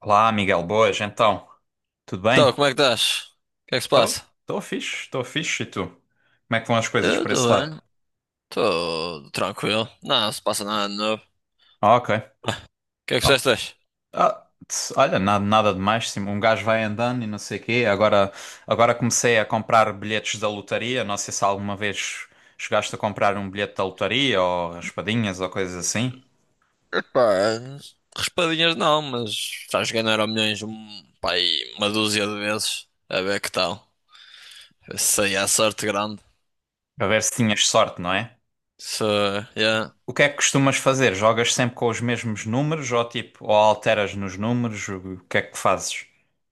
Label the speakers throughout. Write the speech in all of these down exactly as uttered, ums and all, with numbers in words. Speaker 1: Olá, Miguel, boas, então, tudo
Speaker 2: Então,
Speaker 1: bem?
Speaker 2: como é que estás? O que é que se
Speaker 1: Estou tô,
Speaker 2: passa?
Speaker 1: tô fixe, estou fixe, e tu? Como é que vão as coisas
Speaker 2: Eu
Speaker 1: por esse
Speaker 2: estou
Speaker 1: lado?
Speaker 2: bem, estou tranquilo. Não, não se passa nada de novo. O
Speaker 1: Ah, ok.
Speaker 2: que é que
Speaker 1: Oh,
Speaker 2: fizeste hoje?
Speaker 1: ah, tss, olha, nada, nada demais, sim, um gajo vai andando e não sei o quê, agora, agora comecei a comprar bilhetes da lotaria, não sei se alguma vez chegaste a comprar um bilhete da lotaria, ou raspadinhas, ou coisas assim,
Speaker 2: Epá, raspadinhas não, mas já joguei no Euromilhões um, pá, aí uma dúzia de vezes. A ver que tal. Isso aí é sorte grande.
Speaker 1: para ver se tinhas sorte, não é?
Speaker 2: Se Yeah.
Speaker 1: O que é que costumas fazer? Jogas sempre com os mesmos números, ou tipo, ou alteras nos números, o que é que fazes?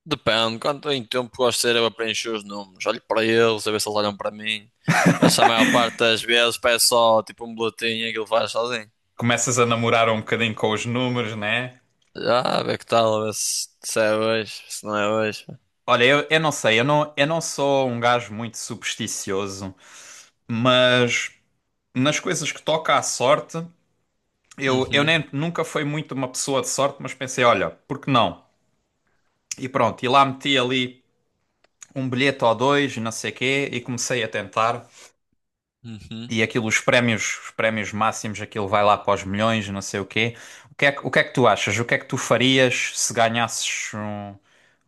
Speaker 2: Depende, quanto em tempo gosto de ser eu a preencher os números. Olho para eles, a ver se eles olham para mim. Mas a maior parte das vezes peço só tipo um boletim e aquilo faz sozinho.
Speaker 1: Começas a namorar um bocadinho com os números, né?
Speaker 2: Já, a ver que tal, a ver se, se é hoje, se não é hoje.
Speaker 1: Olha, eu, eu não sei, eu não, eu não sou um gajo muito supersticioso, mas nas coisas que toca à sorte, eu, eu
Speaker 2: Uhum.
Speaker 1: nem, nunca fui muito uma pessoa de sorte, mas pensei, olha, por que não? E pronto, e lá meti ali um bilhete ou dois, e não sei quê, e comecei a tentar.
Speaker 2: Uhum.
Speaker 1: E aquilo, os prémios, os prémios máximos, aquilo vai lá para os milhões, não sei o quê. O que é, que- o que é que tu achas? O que é que tu farias se ganhasses um-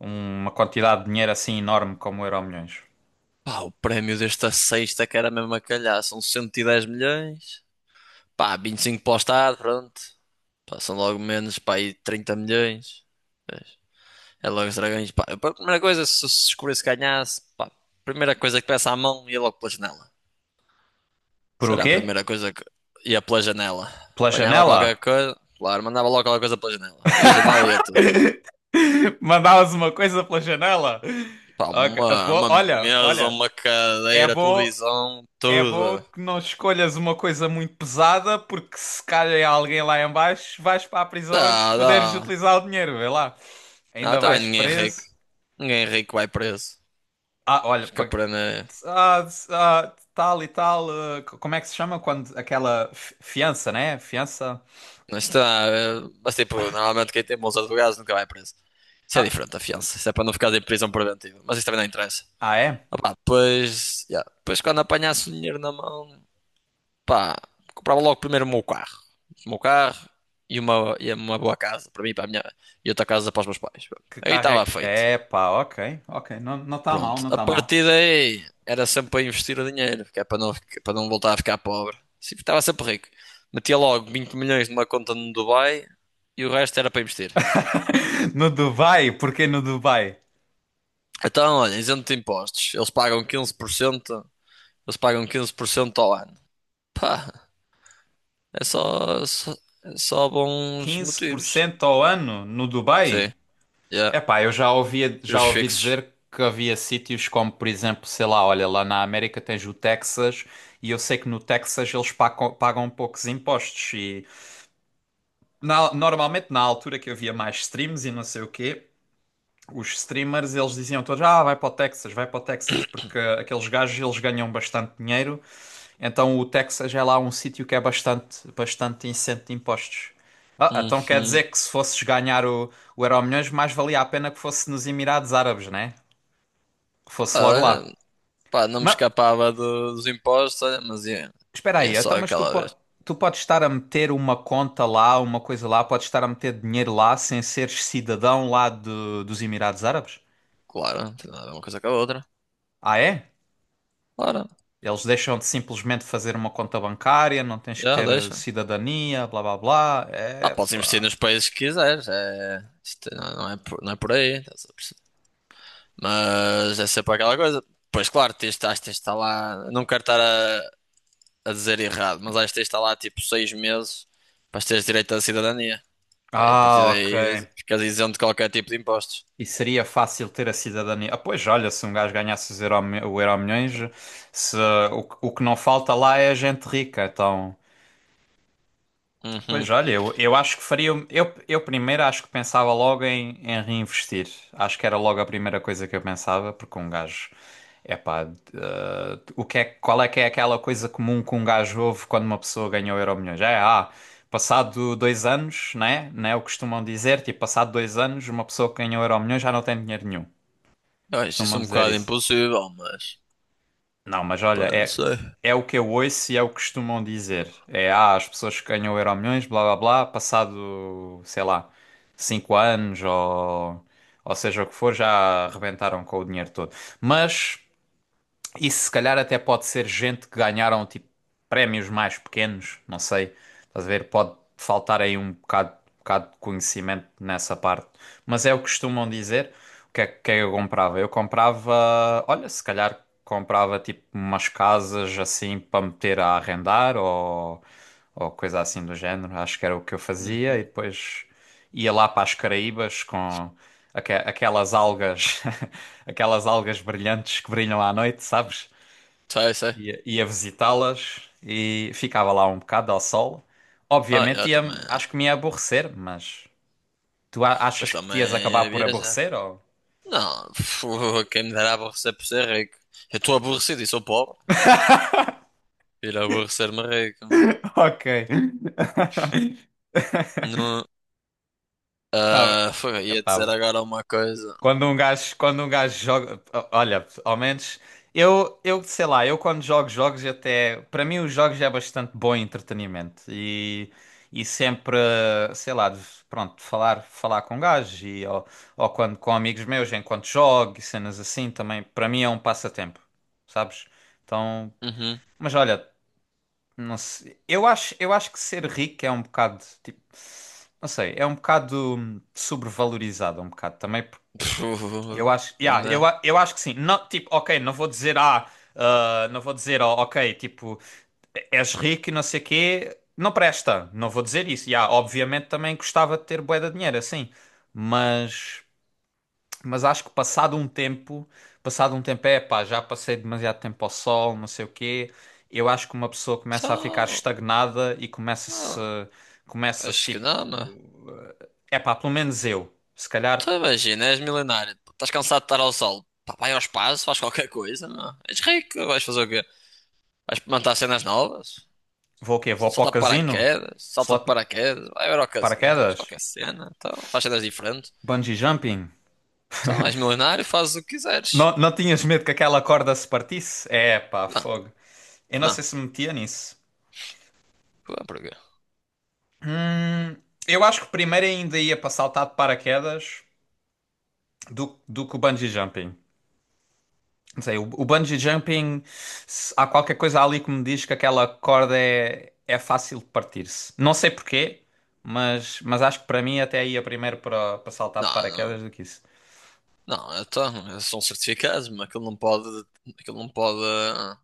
Speaker 1: uma quantidade de dinheiro assim enorme como o Euromilhões?
Speaker 2: Pá, o prémio desta sexta que era mesmo a calhar, são cento e dez milhões. Pá, vinte e cinco para o Estado, pronto. Pá, são logo menos, pá, aí trinta milhões. Vês? É logo os dragões, pá. A primeira coisa, se se descobrisse que ganhasse, pá, a primeira coisa que peça à mão ia logo pela janela.
Speaker 1: Por o
Speaker 2: Será a
Speaker 1: quê?
Speaker 2: primeira coisa que ia pela janela.
Speaker 1: Pela
Speaker 2: Apanhava qualquer
Speaker 1: janela?
Speaker 2: coisa, claro, mandava logo qualquer coisa pela janela. E a janela ia tudo.
Speaker 1: Mandavas uma coisa pela janela?
Speaker 2: Pá,
Speaker 1: Ok,
Speaker 2: uma,
Speaker 1: pô,
Speaker 2: uma
Speaker 1: Olha,
Speaker 2: mesa,
Speaker 1: olha,
Speaker 2: uma
Speaker 1: é
Speaker 2: cadeira,
Speaker 1: bom,
Speaker 2: televisão,
Speaker 1: É bom
Speaker 2: tudo.
Speaker 1: que não escolhas uma coisa muito pesada, porque se calha alguém lá em baixo, vais para a prisão antes de
Speaker 2: Dá,
Speaker 1: poderes
Speaker 2: dá.
Speaker 1: utilizar o dinheiro, vê lá.
Speaker 2: Não,
Speaker 1: Ainda
Speaker 2: também
Speaker 1: vais
Speaker 2: ninguém é rico.
Speaker 1: preso.
Speaker 2: Ninguém é rico vai preso.
Speaker 1: Ah, olha,
Speaker 2: Acho que a
Speaker 1: pag-
Speaker 2: pena
Speaker 1: ah, ah, tal e tal, ah, co- como é que se chama quando aquela fi- fiança, né? Fiança.
Speaker 2: não está. eh, Mas tipo, normalmente quem tem bons advogados nunca vai preso. Isso é
Speaker 1: Ah,
Speaker 2: diferente da fiança. Isso é para não ficar em prisão preventiva. Mas isso também não interessa.
Speaker 1: ah, é?
Speaker 2: Opá, depois, yeah, depois quando apanhasse o dinheiro na mão, pá, comprava logo primeiro o meu carro. O meu carro e uma, e uma boa casa para mim, para a minha, e outra casa para os meus pais. Pronto.
Speaker 1: Que
Speaker 2: Aí
Speaker 1: carrega.
Speaker 2: estava feito.
Speaker 1: É, É, pá, ok, ok. Não, não está mal,
Speaker 2: Pronto,
Speaker 1: não
Speaker 2: a
Speaker 1: está mal.
Speaker 2: partir daí era sempre para investir o dinheiro, que é para não, fica- para não voltar a ficar pobre. Sim, estava sempre rico. Metia logo vinte milhões numa conta no Dubai e o resto era para investir.
Speaker 1: No Dubai, porquê no Dubai?
Speaker 2: Então, olha, isento de impostos. Eles pagam quinze por cento eles pagam quinze por cento ao ano. Pá, é só, só, é só bons
Speaker 1: quinze por
Speaker 2: motivos.
Speaker 1: cento ao ano no Dubai?
Speaker 2: Sim, yeah.
Speaker 1: Epá, eu já ouvia,
Speaker 2: E os
Speaker 1: já ouvi
Speaker 2: fixos.
Speaker 1: dizer que havia sítios como, por exemplo, sei lá, olha, lá na América tens o Texas e eu sei que no Texas eles pagam, pagam poucos impostos e na- normalmente na altura que havia mais streams e não sei o quê, os streamers eles diziam todos, ah, vai para o Texas, vai para o Texas, porque aqueles gajos eles ganham bastante dinheiro, então o Texas é lá um sítio que é bastante, bastante isento de impostos. Ah, então quer
Speaker 2: Uhum.
Speaker 1: dizer que se fosses ganhar o, o Euromilhões, mais valia a pena que fosse nos Emirados Árabes, né? Que
Speaker 2: Pá,
Speaker 1: fosse logo
Speaker 2: olha,
Speaker 1: lá.
Speaker 2: pá, não me
Speaker 1: Mas
Speaker 2: escapava do- dos impostos, olha, mas ia,
Speaker 1: espera
Speaker 2: ia
Speaker 1: aí,
Speaker 2: só
Speaker 1: então, mas tu,
Speaker 2: aquela
Speaker 1: po-
Speaker 2: vez.
Speaker 1: tu podes estar a meter uma conta lá, uma coisa lá, podes estar a meter dinheiro lá sem seres cidadão lá de- dos Emirados Árabes?
Speaker 2: Claro, não tem nada a ver uma coisa com a outra.
Speaker 1: Ah, é?
Speaker 2: Claro,
Speaker 1: Eles deixam-te simplesmente fazer uma conta bancária, não tens que
Speaker 2: já
Speaker 1: ter eh,
Speaker 2: deixa.
Speaker 1: cidadania, blá blá blá.
Speaker 2: Ah, podes investir
Speaker 1: Epá.
Speaker 2: nos países que quiseres, é... isto não não é por, não é por aí, estás a perceber? Mas é sempre aquela coisa. Pois claro, tens, acho que tens de estar lá, não quero estar a, a dizer errado, mas acho que tens de estar lá tipo seis meses para teres direito à cidadania. Pá, e a partir
Speaker 1: Ah, ok.
Speaker 2: daí ficas isento de qualquer tipo de impostos.
Speaker 1: E seria fácil ter a cidadania. Ah, pois olha, se um gajo ganhasse os euro, o Euromilhões, se, o, que- o que não falta lá é gente rica, então. Pois
Speaker 2: Uhum.
Speaker 1: olha, eu, eu acho que faria. Eu, eu primeiro acho que pensava logo em, em reinvestir. Acho que era logo a primeira coisa que eu pensava, porque um gajo. Epá, eh, o que é, qual é que é aquela coisa comum que um gajo ouve quando uma pessoa ganhou Euromilhões? É, ah, passado dois anos, né? Né? O que costumam dizer, tipo, passado dois anos, uma pessoa que ganhou Euromilhões já não tem dinheiro nenhum.
Speaker 2: Eu acho isso
Speaker 1: Costumam
Speaker 2: um
Speaker 1: dizer
Speaker 2: bocado
Speaker 1: isso.
Speaker 2: impossível, mas
Speaker 1: Não, mas olha,
Speaker 2: pá, não
Speaker 1: é,
Speaker 2: sei.
Speaker 1: é o que eu ouço e é o que costumam dizer. É, ah, as pessoas que ganham o Euromilhões, blá blá blá, passado, sei lá, cinco anos ou, ou seja o que for, já arrebentaram com o dinheiro todo. Mas. Isso se calhar até pode ser gente que ganharam tipo prémios mais pequenos, não sei. Estás a ver? Pode faltar aí um bocado, bocado de conhecimento nessa parte. Mas é o que costumam dizer. O que é que eu comprava? Eu comprava, olha, se calhar comprava tipo umas casas assim para meter a arrendar ou, ou coisa assim do género. Acho que era o que eu fazia e
Speaker 2: Uhum.
Speaker 1: depois ia lá para as Caraíbas com aque- aquelas algas, aquelas algas brilhantes que brilham à noite, sabes?
Speaker 2: Sei, sei.
Speaker 1: Ia, ia visitá-las e ficava lá um bocado ao sol.
Speaker 2: Ah,
Speaker 1: Obviamente
Speaker 2: eu também.
Speaker 1: ia, acho que me ia aborrecer, mas tu a-
Speaker 2: Pois
Speaker 1: achas que te
Speaker 2: também
Speaker 1: ias acabar
Speaker 2: ia
Speaker 1: por
Speaker 2: viajar.
Speaker 1: aborrecer ou?
Speaker 2: Não. Quem me dera aborrecer por ser rico. Eu estou aborrecido e sou pobre. Ir aborrecer-me rico, não.
Speaker 1: Ok.
Speaker 2: Não,
Speaker 1: Não,
Speaker 2: ah, foi, ia dizer
Speaker 1: epá,
Speaker 2: agora uma coisa.
Speaker 1: Quando um gajo, quando um gajo joga, o- olha, ao menos eu, eu sei lá, eu quando jogo jogos até, para mim os jogos é bastante bom entretenimento e e sempre, sei lá, de- pronto, falar falar com gajos e ou, ou quando com amigos meus enquanto jogo e cenas assim também, para mim é um passatempo, sabes? Então,
Speaker 2: Uhum.
Speaker 1: mas olha, não sei, eu acho, eu acho que ser rico é um bocado tipo, não sei, é um bocado hum, sobrevalorizado um bocado também eu acho,
Speaker 2: Quem me
Speaker 1: yeah, eu,
Speaker 2: dera.
Speaker 1: a- eu acho que sim. Não, tipo, ok, não vou dizer, ah, ah, não vou dizer, oh, ok, tipo, és rico e não sei quê, não presta. Não vou dizer isso. Yeah, obviamente também gostava de ter bué de dinheiro, assim. Mas, mas acho que passado um tempo, passado um tempo, é pá, já passei demasiado tempo ao sol, não sei o quê. Eu acho que uma pessoa começa a ficar
Speaker 2: Só,
Speaker 1: estagnada e começa-se,
Speaker 2: não,
Speaker 1: começa-se
Speaker 2: acho que
Speaker 1: tipo,
Speaker 2: não, meu.
Speaker 1: é pá, pelo menos eu. Se
Speaker 2: Tu
Speaker 1: calhar
Speaker 2: imagina, és milionário. Pô, estás cansado de estar ao sol. Pá, vai ao espaço, faz qualquer coisa, meu. És rico, vais fazer o quê? Vais experimentar cenas novas?
Speaker 1: vou o quê? Vou para o
Speaker 2: Salta de
Speaker 1: casino?
Speaker 2: paraquedas, salta de
Speaker 1: Slot
Speaker 2: paraquedas, vai ver ao casino, faz
Speaker 1: paraquedas?
Speaker 2: qualquer cena, então, faz cenas diferentes.
Speaker 1: Bungee jumping?
Speaker 2: Então, és milionário, fazes o que quiseres.
Speaker 1: Não, não tinhas medo que aquela corda se partisse? É, pá,
Speaker 2: Não,
Speaker 1: fogo. Eu não
Speaker 2: não.
Speaker 1: sei se me metia nisso.
Speaker 2: Ué, porquê?
Speaker 1: Hum, eu acho que primeiro ainda ia para saltar de paraquedas do, do que o bungee jumping. Não sei, o, o bungee jumping, se- há qualquer coisa ali que me diz que aquela corda é, é fácil de partir-se. Não sei porquê, mas, mas acho que para mim até ia primeiro para, para saltar de
Speaker 2: Não, não.
Speaker 1: paraquedas do que isso.
Speaker 2: Não, então, são certificados, mas aquilo não pode, aquilo não pode ah,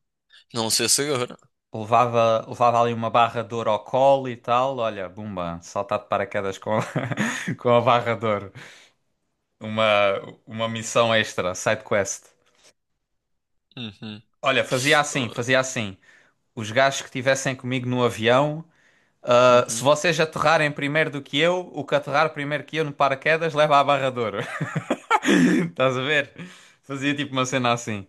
Speaker 2: não ser seguro.
Speaker 1: Levava, levava ali uma barra de ouro ao colo e tal. Olha, bumba, saltar de paraquedas com, com a barra de ouro. Uma, uma missão extra, side quest.
Speaker 2: Uhum.
Speaker 1: Olha, fazia assim,
Speaker 2: Uh,
Speaker 1: fazia assim. Os gajos que estivessem comigo no avião, ah, se
Speaker 2: Uhum.
Speaker 1: vocês aterrarem primeiro do que eu, o que aterrar primeiro que eu no paraquedas leva a barra de ouro. Estás a ver? Fazia tipo uma cena assim.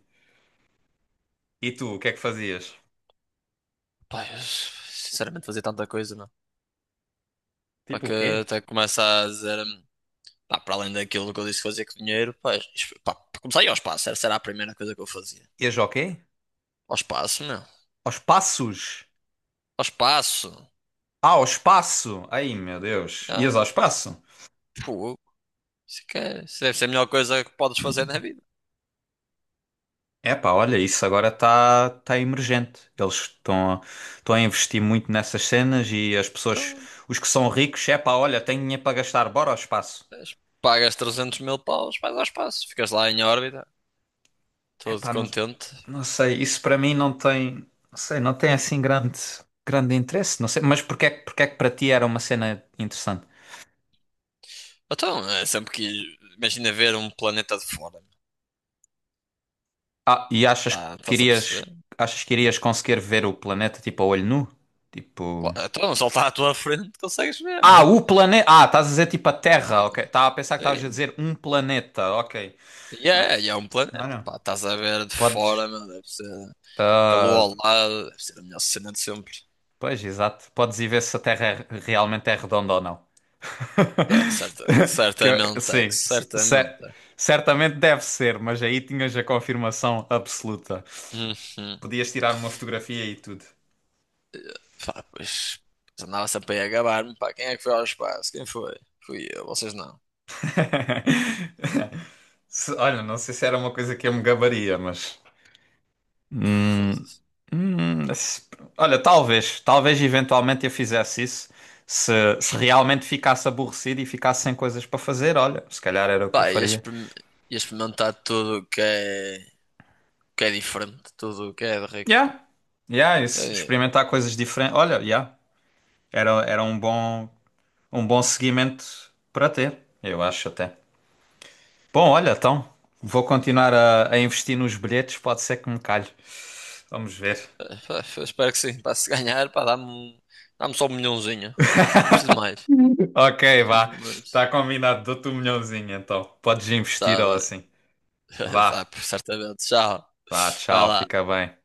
Speaker 1: E tu, o que é que fazias?
Speaker 2: Pá, eu, sinceramente, fazer tanta coisa, não. Para
Speaker 1: Tipo o
Speaker 2: que
Speaker 1: quê?
Speaker 2: até começa a dizer, hum, pá, para além daquilo que eu disse que fazia com dinheiro, pá, isto- pá, para começar a ir ao espaço, essa era a primeira coisa que eu fazia.
Speaker 1: Ias ao quê?
Speaker 2: Ao espaço, meu.
Speaker 1: Aos passos.
Speaker 2: Ao espaço.
Speaker 1: Ah, ao espaço! Ai, meu Deus. Ias
Speaker 2: Ah,
Speaker 1: ao espaço?
Speaker 2: pô, isso, é que é- isso deve ser a melhor coisa que podes fazer na vida.
Speaker 1: Epá, olha, isso agora está tá tá emergente. Eles estão a, estão a investir muito nessas cenas e as pessoas,
Speaker 2: Então,
Speaker 1: os que são ricos, epá, olha, tenho dinheiro para gastar, bora ao espaço.
Speaker 2: pagas trezentos mil paus, vais ao espaço, ficas lá em órbita, todo
Speaker 1: Epá, não,
Speaker 2: contente.
Speaker 1: não sei, isso para mim não tem, não sei, não tem assim grande, grande interesse, não sei, mas porque é, que- porque é que para ti era uma cena interessante?
Speaker 2: Então, é sempre que imagina ver um planeta de fora, meu.
Speaker 1: Ah, e achas
Speaker 2: Tá,
Speaker 1: que
Speaker 2: estás a
Speaker 1: irias,
Speaker 2: perceber?
Speaker 1: achas que irias conseguir ver o planeta tipo a olho nu? Tipo.
Speaker 2: Claro, então, só está à tua frente, consegues ver,
Speaker 1: Ah,
Speaker 2: meu.
Speaker 1: o planeta. Ah, estás a dizer tipo a Terra,
Speaker 2: Sim,
Speaker 1: ok. Estava a pensar que estavas a
Speaker 2: sim.
Speaker 1: dizer um planeta, ok.
Speaker 2: E é, e é um
Speaker 1: Não,
Speaker 2: planeta,
Speaker 1: não.
Speaker 2: pá, estás a ver de fora,
Speaker 1: Podes.
Speaker 2: meu, deve ser. Que a lua
Speaker 1: ah,
Speaker 2: ao lado, deve ser a melhor cena de sempre.
Speaker 1: Pois, exato. Podes ir ver se a Terra é- realmente é redonda ou não.
Speaker 2: Dá, certa, que
Speaker 1: Que eu-
Speaker 2: certamente é, que
Speaker 1: Sim, c-
Speaker 2: certamente
Speaker 1: cer-
Speaker 2: é.
Speaker 1: certamente deve ser, mas aí tinhas a confirmação absoluta.
Speaker 2: Uhum.
Speaker 1: Podias tirar uma fotografia e tudo.
Speaker 2: Pá, pois, pois andava sempre aí a gabar-me, pá, quem é que foi ao espaço? Quem foi? Fui eu, vocês não.
Speaker 1: Se- Olha, não sei se era uma coisa que eu me gabaria, mas. Hum,
Speaker 2: Foda-se.
Speaker 1: Hum, se- olha, talvez, talvez eventualmente eu fizesse isso se, se realmente ficasse aborrecido e ficasse sem coisas para fazer. Olha, se calhar era o que eu
Speaker 2: Pá, ia
Speaker 1: faria.
Speaker 2: experim- ia experimentar tudo o que é, que é, diferente, tudo o que é de rico, pá.
Speaker 1: Yeah, yeah, isso,
Speaker 2: É,
Speaker 1: experimentar coisas diferentes. Olha, yeah, era, era um bom, um bom seguimento para ter, eu acho até. Bom, olha, então vou continuar a, a investir nos bilhetes, pode ser que me calhe. Vamos ver.
Speaker 2: é, pá, espero que sim, pá, se ganhar, pá, dá-me um- dá-me só um milhãozinho. Não preciso de mais,
Speaker 1: Ok,
Speaker 2: não
Speaker 1: vá,
Speaker 2: preciso de
Speaker 1: está
Speaker 2: mais.
Speaker 1: combinado, dou-te um milhãozinho então, podes investir
Speaker 2: Tá
Speaker 1: ou
Speaker 2: bem.
Speaker 1: assim.
Speaker 2: Tá,
Speaker 1: Vá.
Speaker 2: certamente, tchau.
Speaker 1: Vá,
Speaker 2: Vai
Speaker 1: tchau, fica
Speaker 2: lá.
Speaker 1: bem.